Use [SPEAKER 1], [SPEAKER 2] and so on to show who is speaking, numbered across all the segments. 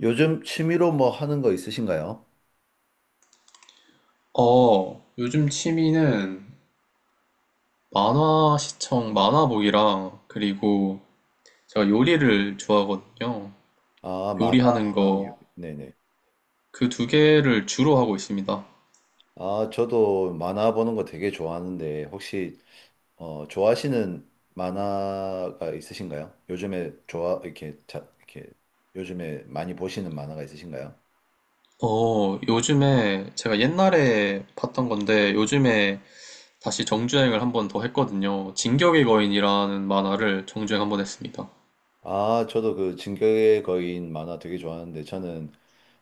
[SPEAKER 1] 요즘 취미로 뭐 하는 거 있으신가요?
[SPEAKER 2] 요즘 취미는 만화 시청, 만화 보기랑, 그리고 제가 요리를 좋아하거든요.
[SPEAKER 1] 아,
[SPEAKER 2] 요리하는
[SPEAKER 1] 만화랑, 요-
[SPEAKER 2] 거,
[SPEAKER 1] 네네.
[SPEAKER 2] 그 두 개를 주로 하고 있습니다.
[SPEAKER 1] 아, 저도 만화 보는 거 되게 좋아하는데, 혹시, 좋아하시는 만화가 있으신가요? 요즘에 좋아, 이렇게, 자, 이렇게, 요즘에 많이 보시는 만화가 있으신가요?
[SPEAKER 2] 요즘에 제가 옛날에 봤던 건데 요즘에 다시 정주행을 한번 더 했거든요. 진격의 거인이라는 만화를 정주행 한번 했습니다.
[SPEAKER 1] 아, 저도 그 진격의 거인 만화 되게 좋아하는데, 저는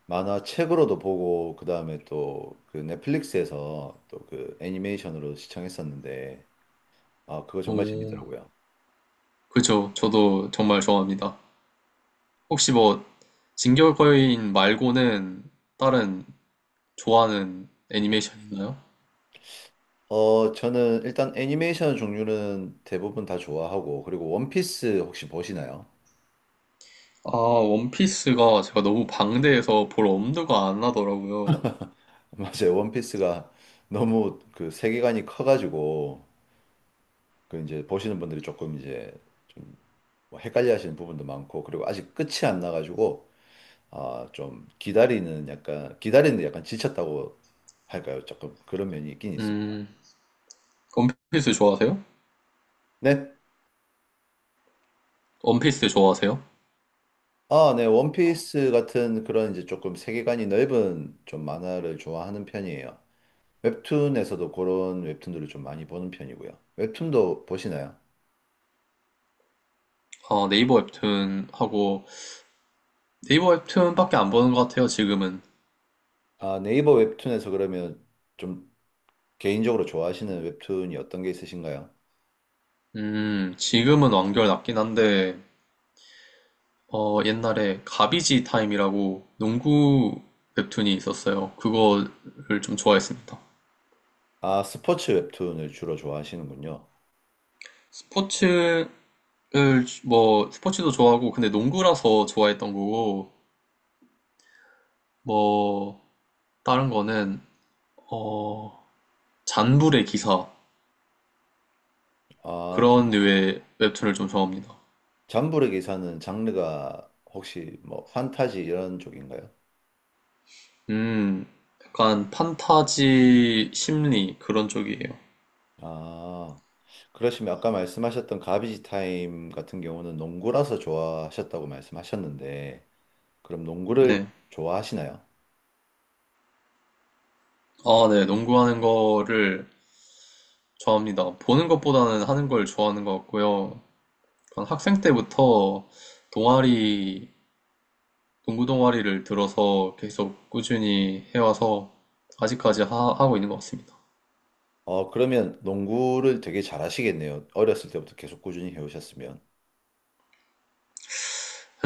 [SPEAKER 1] 만화 책으로도 보고, 그다음에 또 그 넷플릭스에서 또 그 애니메이션으로 시청했었는데, 아, 그거 정말
[SPEAKER 2] 오,
[SPEAKER 1] 재밌더라고요.
[SPEAKER 2] 그죠. 저도 정말 좋아합니다. 혹시 뭐 진격의 거인 말고는 다른 좋아하는 애니메이션 있나요?
[SPEAKER 1] 저는 일단 애니메이션 종류는 대부분 다 좋아하고, 그리고 원피스 혹시 보시나요?
[SPEAKER 2] 아, 원피스가 제가 너무 방대해서 볼 엄두가 안 나더라고요.
[SPEAKER 1] 맞아요. 원피스가 너무 그 세계관이 커가지고, 그 이제 보시는 분들이 조금 이제 좀뭐 헷갈려 하시는 부분도 많고, 그리고 아직 끝이 안 나가지고, 아, 좀 기다리는 약간, 기다리는 데 약간 지쳤다고 할까요? 조금 그런 면이 있긴 있습니다.
[SPEAKER 2] 음, 원피스 좋아하세요?
[SPEAKER 1] 네.
[SPEAKER 2] 원피스 좋아하세요?
[SPEAKER 1] 아, 네. 원피스 같은 그런 이제 조금 세계관이 넓은 좀 만화를 좋아하는 편이에요. 웹툰에서도 그런 웹툰들을 좀 많이 보는 편이고요. 웹툰도 보시나요?
[SPEAKER 2] 아, 네이버 웹툰 하고, 네이버 웹툰밖에 안 보는 것 같아요, 지금은.
[SPEAKER 1] 아, 네이버 웹툰에서 그러면 좀 개인적으로 좋아하시는 웹툰이 어떤 게 있으신가요?
[SPEAKER 2] 지금은 완결 났긴 한데, 옛날에 가비지 타임이라고 농구 웹툰이 있었어요. 그거를 좀 좋아했습니다.
[SPEAKER 1] 아, 스포츠 웹툰을 주로 좋아하시는군요.
[SPEAKER 2] 스포츠를, 뭐, 스포츠도 좋아하고, 근데 농구라서 좋아했던 거고, 뭐, 다른 거는, 어, 잔불의 기사
[SPEAKER 1] 아, 잠-
[SPEAKER 2] 그런 류의 웹툰을 좀 좋아합니다.
[SPEAKER 1] 잠부르 기사는 장르가 혹시 뭐 판타지 이런 쪽인가요?
[SPEAKER 2] 음, 약간 판타지 심리 그런 쪽이에요.
[SPEAKER 1] 아, 그러시면 아까 말씀하셨던 가비지 타임 같은 경우는 농구라서 좋아하셨다고 말씀하셨는데, 그럼 농구를
[SPEAKER 2] 네.
[SPEAKER 1] 좋아하시나요?
[SPEAKER 2] 아, 네. 농구하는 거를 좋아합니다. 보는 것보다는 하는 걸 좋아하는 것 같고요. 약간 학생 때부터 동아리, 농구 동아리를 들어서 계속 꾸준히 해와서 아직까지 하고 있는 것 같습니다.
[SPEAKER 1] 어, 그러면 농구를 되게 잘하시겠네요. 어렸을 때부터 계속 꾸준히 해오셨으면.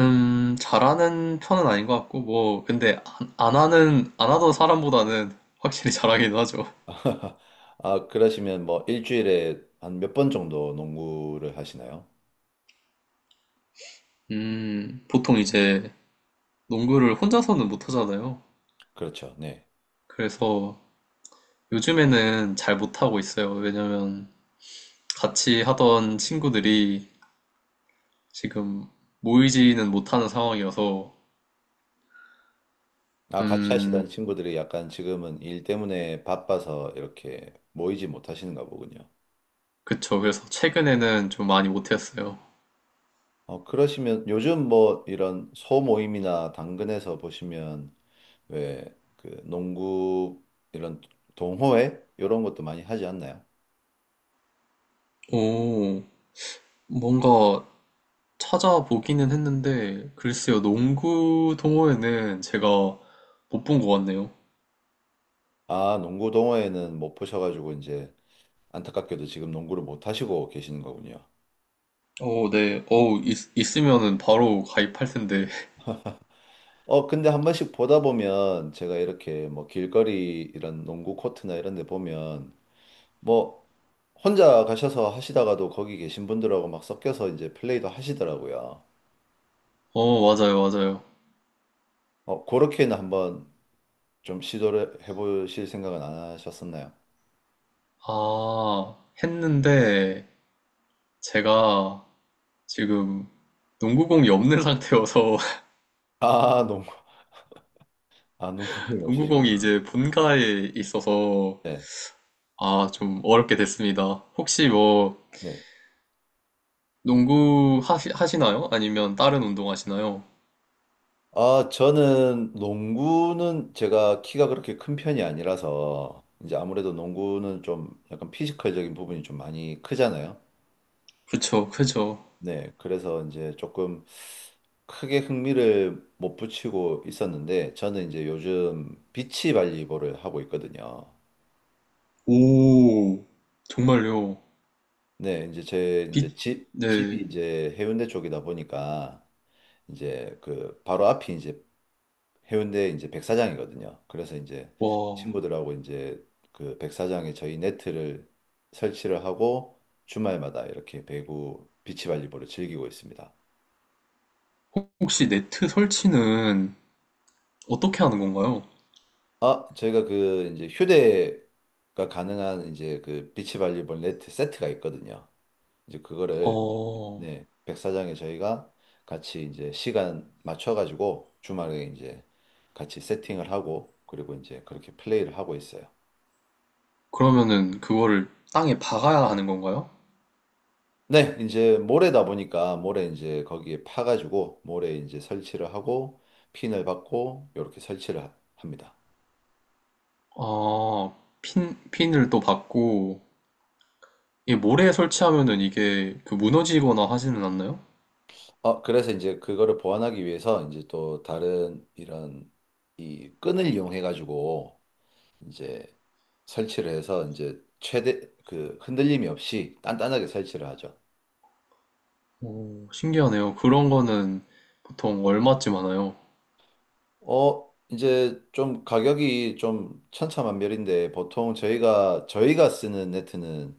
[SPEAKER 2] 잘하는 편은 아닌 것 같고, 뭐, 근데 안 하던 사람보다는 확실히 잘하긴 하죠.
[SPEAKER 1] 아, 그러시면 뭐 일주일에 한 몇 번 정도 농구를 하시나요?
[SPEAKER 2] 보통 이제 농구를 혼자서는 못 하잖아요.
[SPEAKER 1] 그렇죠. 네.
[SPEAKER 2] 그래서 요즘에는 잘 못하고 있어요. 왜냐면 같이 하던 친구들이 지금 모이지는 못하는 상황이어서,
[SPEAKER 1] 아, 같이
[SPEAKER 2] 음,
[SPEAKER 1] 하시던 친구들이 약간 지금은 일 때문에 바빠서 이렇게 모이지 못하시는가 보군요.
[SPEAKER 2] 그쵸. 그래서 최근에는 좀 많이 못했어요.
[SPEAKER 1] 어, 그러시면 요즘 뭐 이런 소모임이나 당근에서 보시면 왜 그 농구 이런 동호회 이런 것도 많이 하지 않나요?
[SPEAKER 2] 오, 뭔가 찾아보기는 했는데, 글쎄요, 농구 동호회는 제가 못 본 것 같네요.
[SPEAKER 1] 아, 농구 동호회는 못 보셔가지고 이제 안타깝게도 지금 농구를 못 하시고 계시는 거군요.
[SPEAKER 2] 어, 네. 어, 있으면은 바로 가입할 텐데.
[SPEAKER 1] 어, 근데 한 번씩 보다 보면 제가 이렇게 뭐 길거리 이런 농구 코트나 이런 데 보면 뭐 혼자 가셔서 하시다가도 거기 계신 분들하고 막 섞여서 이제 플레이도 하시더라고요.
[SPEAKER 2] 어, 맞아요, 맞아요.
[SPEAKER 1] 그렇게는 한번 좀 시도를 해보실 생각은 안 하셨었나요?
[SPEAKER 2] 아, 했는데, 제가 지금 농구공이 없는 상태여서,
[SPEAKER 1] 아, 농구, 아, 농구공이
[SPEAKER 2] 농구공이
[SPEAKER 1] 없으시구나.
[SPEAKER 2] 이제
[SPEAKER 1] 네,
[SPEAKER 2] 본가에 있어서,
[SPEAKER 1] 네,
[SPEAKER 2] 아, 좀 어렵게 됐습니다. 혹시
[SPEAKER 1] 아,
[SPEAKER 2] 뭐,
[SPEAKER 1] 네.
[SPEAKER 2] 농구 하시나요? 아니면 다른 운동 하시나요?
[SPEAKER 1] 아, 저는 농구는 제가 키가 그렇게 큰 편이 아니라서 이제 아무래도 농구는 좀 약간 피지컬적인 부분이 좀 많이 크잖아요.
[SPEAKER 2] 그쵸, 그쵸.
[SPEAKER 1] 네, 그래서 이제 조금 크게 흥미를 못 붙이고 있었는데 저는 이제 요즘 비치 발리볼을 하고 있거든요.
[SPEAKER 2] 오, 정말요.
[SPEAKER 1] 네, 이제 제
[SPEAKER 2] 빛,
[SPEAKER 1] 이제 집 집이
[SPEAKER 2] 네.
[SPEAKER 1] 이제 해운대 쪽이다 보니까 이제 그 바로 앞이 이제 해운대 이제 백사장이거든요. 그래서 이제
[SPEAKER 2] 와,
[SPEAKER 1] 친구들하고 이제 그 백사장에 저희 네트를 설치를 하고 주말마다 이렇게 배구 비치발리볼을 즐기고 있습니다.
[SPEAKER 2] 혹시 네트 설치는 어떻게 하는 건가요?
[SPEAKER 1] 아, 저희가 그 이제 휴대가 가능한 이제 그 비치발리볼 네트 세트가 있거든요. 이제 그거를
[SPEAKER 2] 어,
[SPEAKER 1] 네, 백사장에 저희가 같이 이제 시간 맞춰가지고 주말에 이제 같이 세팅을 하고 그리고 이제 그렇게 플레이를 하고 있어요.
[SPEAKER 2] 그러면은 그거를 땅에 박아야 하는 건가요?
[SPEAKER 1] 네, 이제 모래다 보니까 모래 이제 거기에 파가지고 모래 이제 설치를 하고 핀을 받고 이렇게 설치를 하- 합니다.
[SPEAKER 2] 아, 핀을 또 박고, 이게 모래에 설치하면은 이게 그 무너지거나 하지는 않나요?
[SPEAKER 1] 어, 그래서 이제 그거를 보완하기 위해서 이제 또 다른 이런 이 끈을 이용해 가지고 이제 설치를 해서 이제 최대 그 흔들림이 없이 단단하게 설치를 하죠.
[SPEAKER 2] 오, 신기하네요. 그런 거는 보통 얼마쯤 하나요?
[SPEAKER 1] 이제 좀 가격이 좀 천차만별인데 보통 저희가 쓰는 네트는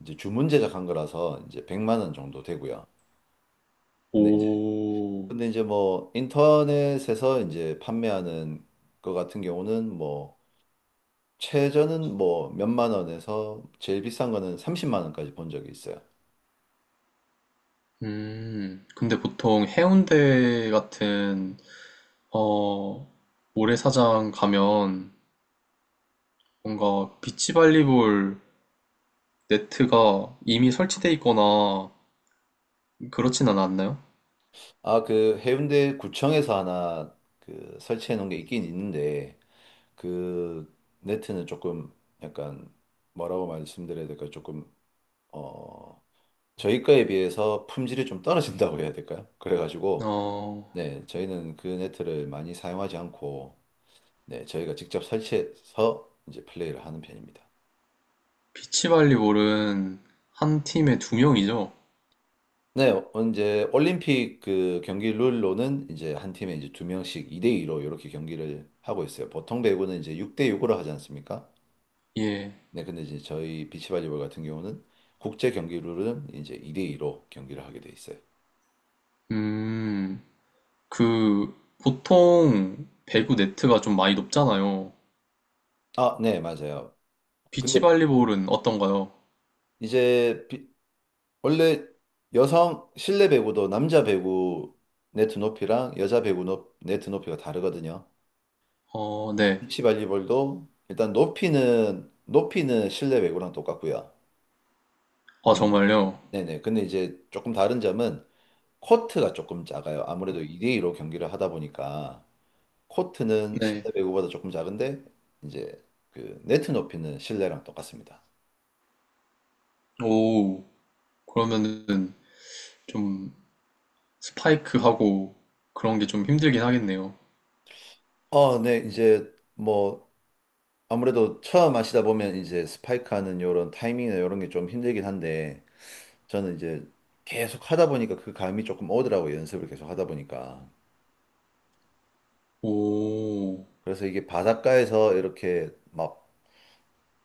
[SPEAKER 1] 이제 주문 제작한 거라서 이제 100만 원 정도 되고요. 근데 이제
[SPEAKER 2] 오,
[SPEAKER 1] 근데 이제 뭐 인터넷에서 이제 판매하는 거 같은 경우는 뭐 최저는 뭐 몇만 원에서 제일 비싼 거는 30만 원까지 본 적이 있어요.
[SPEAKER 2] 근데 보통 해운대 같은 어, 모래사장 가면 뭔가 비치발리볼 네트가 이미 설치돼 있거나 그렇지는 않나요?
[SPEAKER 1] 아, 그 해운대 구청에서 하나 그 설치해 놓은 게 있긴 있는데 그 네트는 조금 약간 뭐라고 말씀드려야 될까 조금 어 저희 거에 비해서 품질이 좀 떨어진다고 해야 될까요? 그래가지고
[SPEAKER 2] 어,
[SPEAKER 1] 네, 저희는 그 네트를 많이 사용하지 않고, 네, 저희가 직접 설치해서 이제 플레이를 하는 편입니다.
[SPEAKER 2] 비치발리볼은 한 팀에 두 명이죠?
[SPEAKER 1] 네, 어, 이제 올림픽 그 경기 룰로는 이제 한 팀에 이제 두 명씩 2대2로 이렇게 경기를 하고 있어요. 보통 배구는 이제 6대6으로 하지 않습니까?
[SPEAKER 2] 예.
[SPEAKER 1] 네, 근데 이제 저희 비치발리볼 같은 경우는 국제 경기 룰은 이제 2대2로 경기를 하게 돼 있어요.
[SPEAKER 2] 음, 그, 보통 배구 네트가 좀 많이 높잖아요.
[SPEAKER 1] 아, 네, 맞아요. 근데
[SPEAKER 2] 비치발리볼은 어떤가요?
[SPEAKER 1] 이제 원래 여성 실내 배구도 남자 배구 네트 높이랑 여자 배구 높, 네트 높이가 다르거든요.
[SPEAKER 2] 어, 네.
[SPEAKER 1] 비치 발리볼도 일단 높이는 실내 배구랑 똑같고요.
[SPEAKER 2] 아,
[SPEAKER 1] 근데-
[SPEAKER 2] 정말요?
[SPEAKER 1] 네네. 근데 이제 조금 다른 점은 코트가 조금 작아요. 아무래도 2대2로 경기를 하다 보니까 코트는
[SPEAKER 2] 네.
[SPEAKER 1] 실내 배구보다 조금 작은데 이제 그 네트 높이는 실내랑 똑같습니다.
[SPEAKER 2] 오, 그러면은 좀 스파이크하고 그런 게 좀 힘들긴 하겠네요.
[SPEAKER 1] 어, 네. 이제 뭐 아무래도 처음 하시다 보면 이제 스파이크하는 요런 타이밍이나 요런 게 좀 힘들긴 한데 저는 이제 계속 하다 보니까 그 감이 조금 오더라고요. 연습을 계속 하다 보니까.
[SPEAKER 2] 오,
[SPEAKER 1] 그래서 이게 바닷가에서 이렇게 막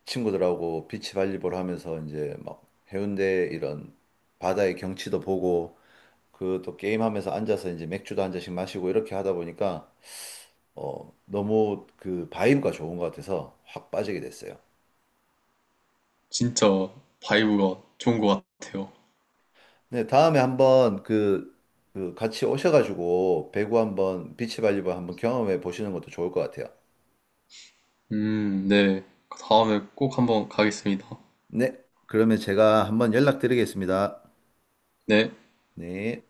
[SPEAKER 1] 친구들하고 비치 발리볼 하면서 이제 막 해운대 이런 바다의 경치도 보고 그 또 게임하면서 앉아서 이제 맥주도 한 잔씩 마시고 이렇게 하다 보니까 너무 그 바이브가 좋은 것 같아서 확 빠지게 됐어요.
[SPEAKER 2] 진짜 바이브가 좋은 것 같아요.
[SPEAKER 1] 네, 다음에 한번 그, 그 같이 오셔가지고 배구 한번 비치 발리볼 한번 경험해 보시는 것도 좋을 것 같아요.
[SPEAKER 2] 네. 다음에 꼭 한번 가겠습니다.
[SPEAKER 1] 네, 그러면 제가 한번 연락드리겠습니다.
[SPEAKER 2] 네.
[SPEAKER 1] 네.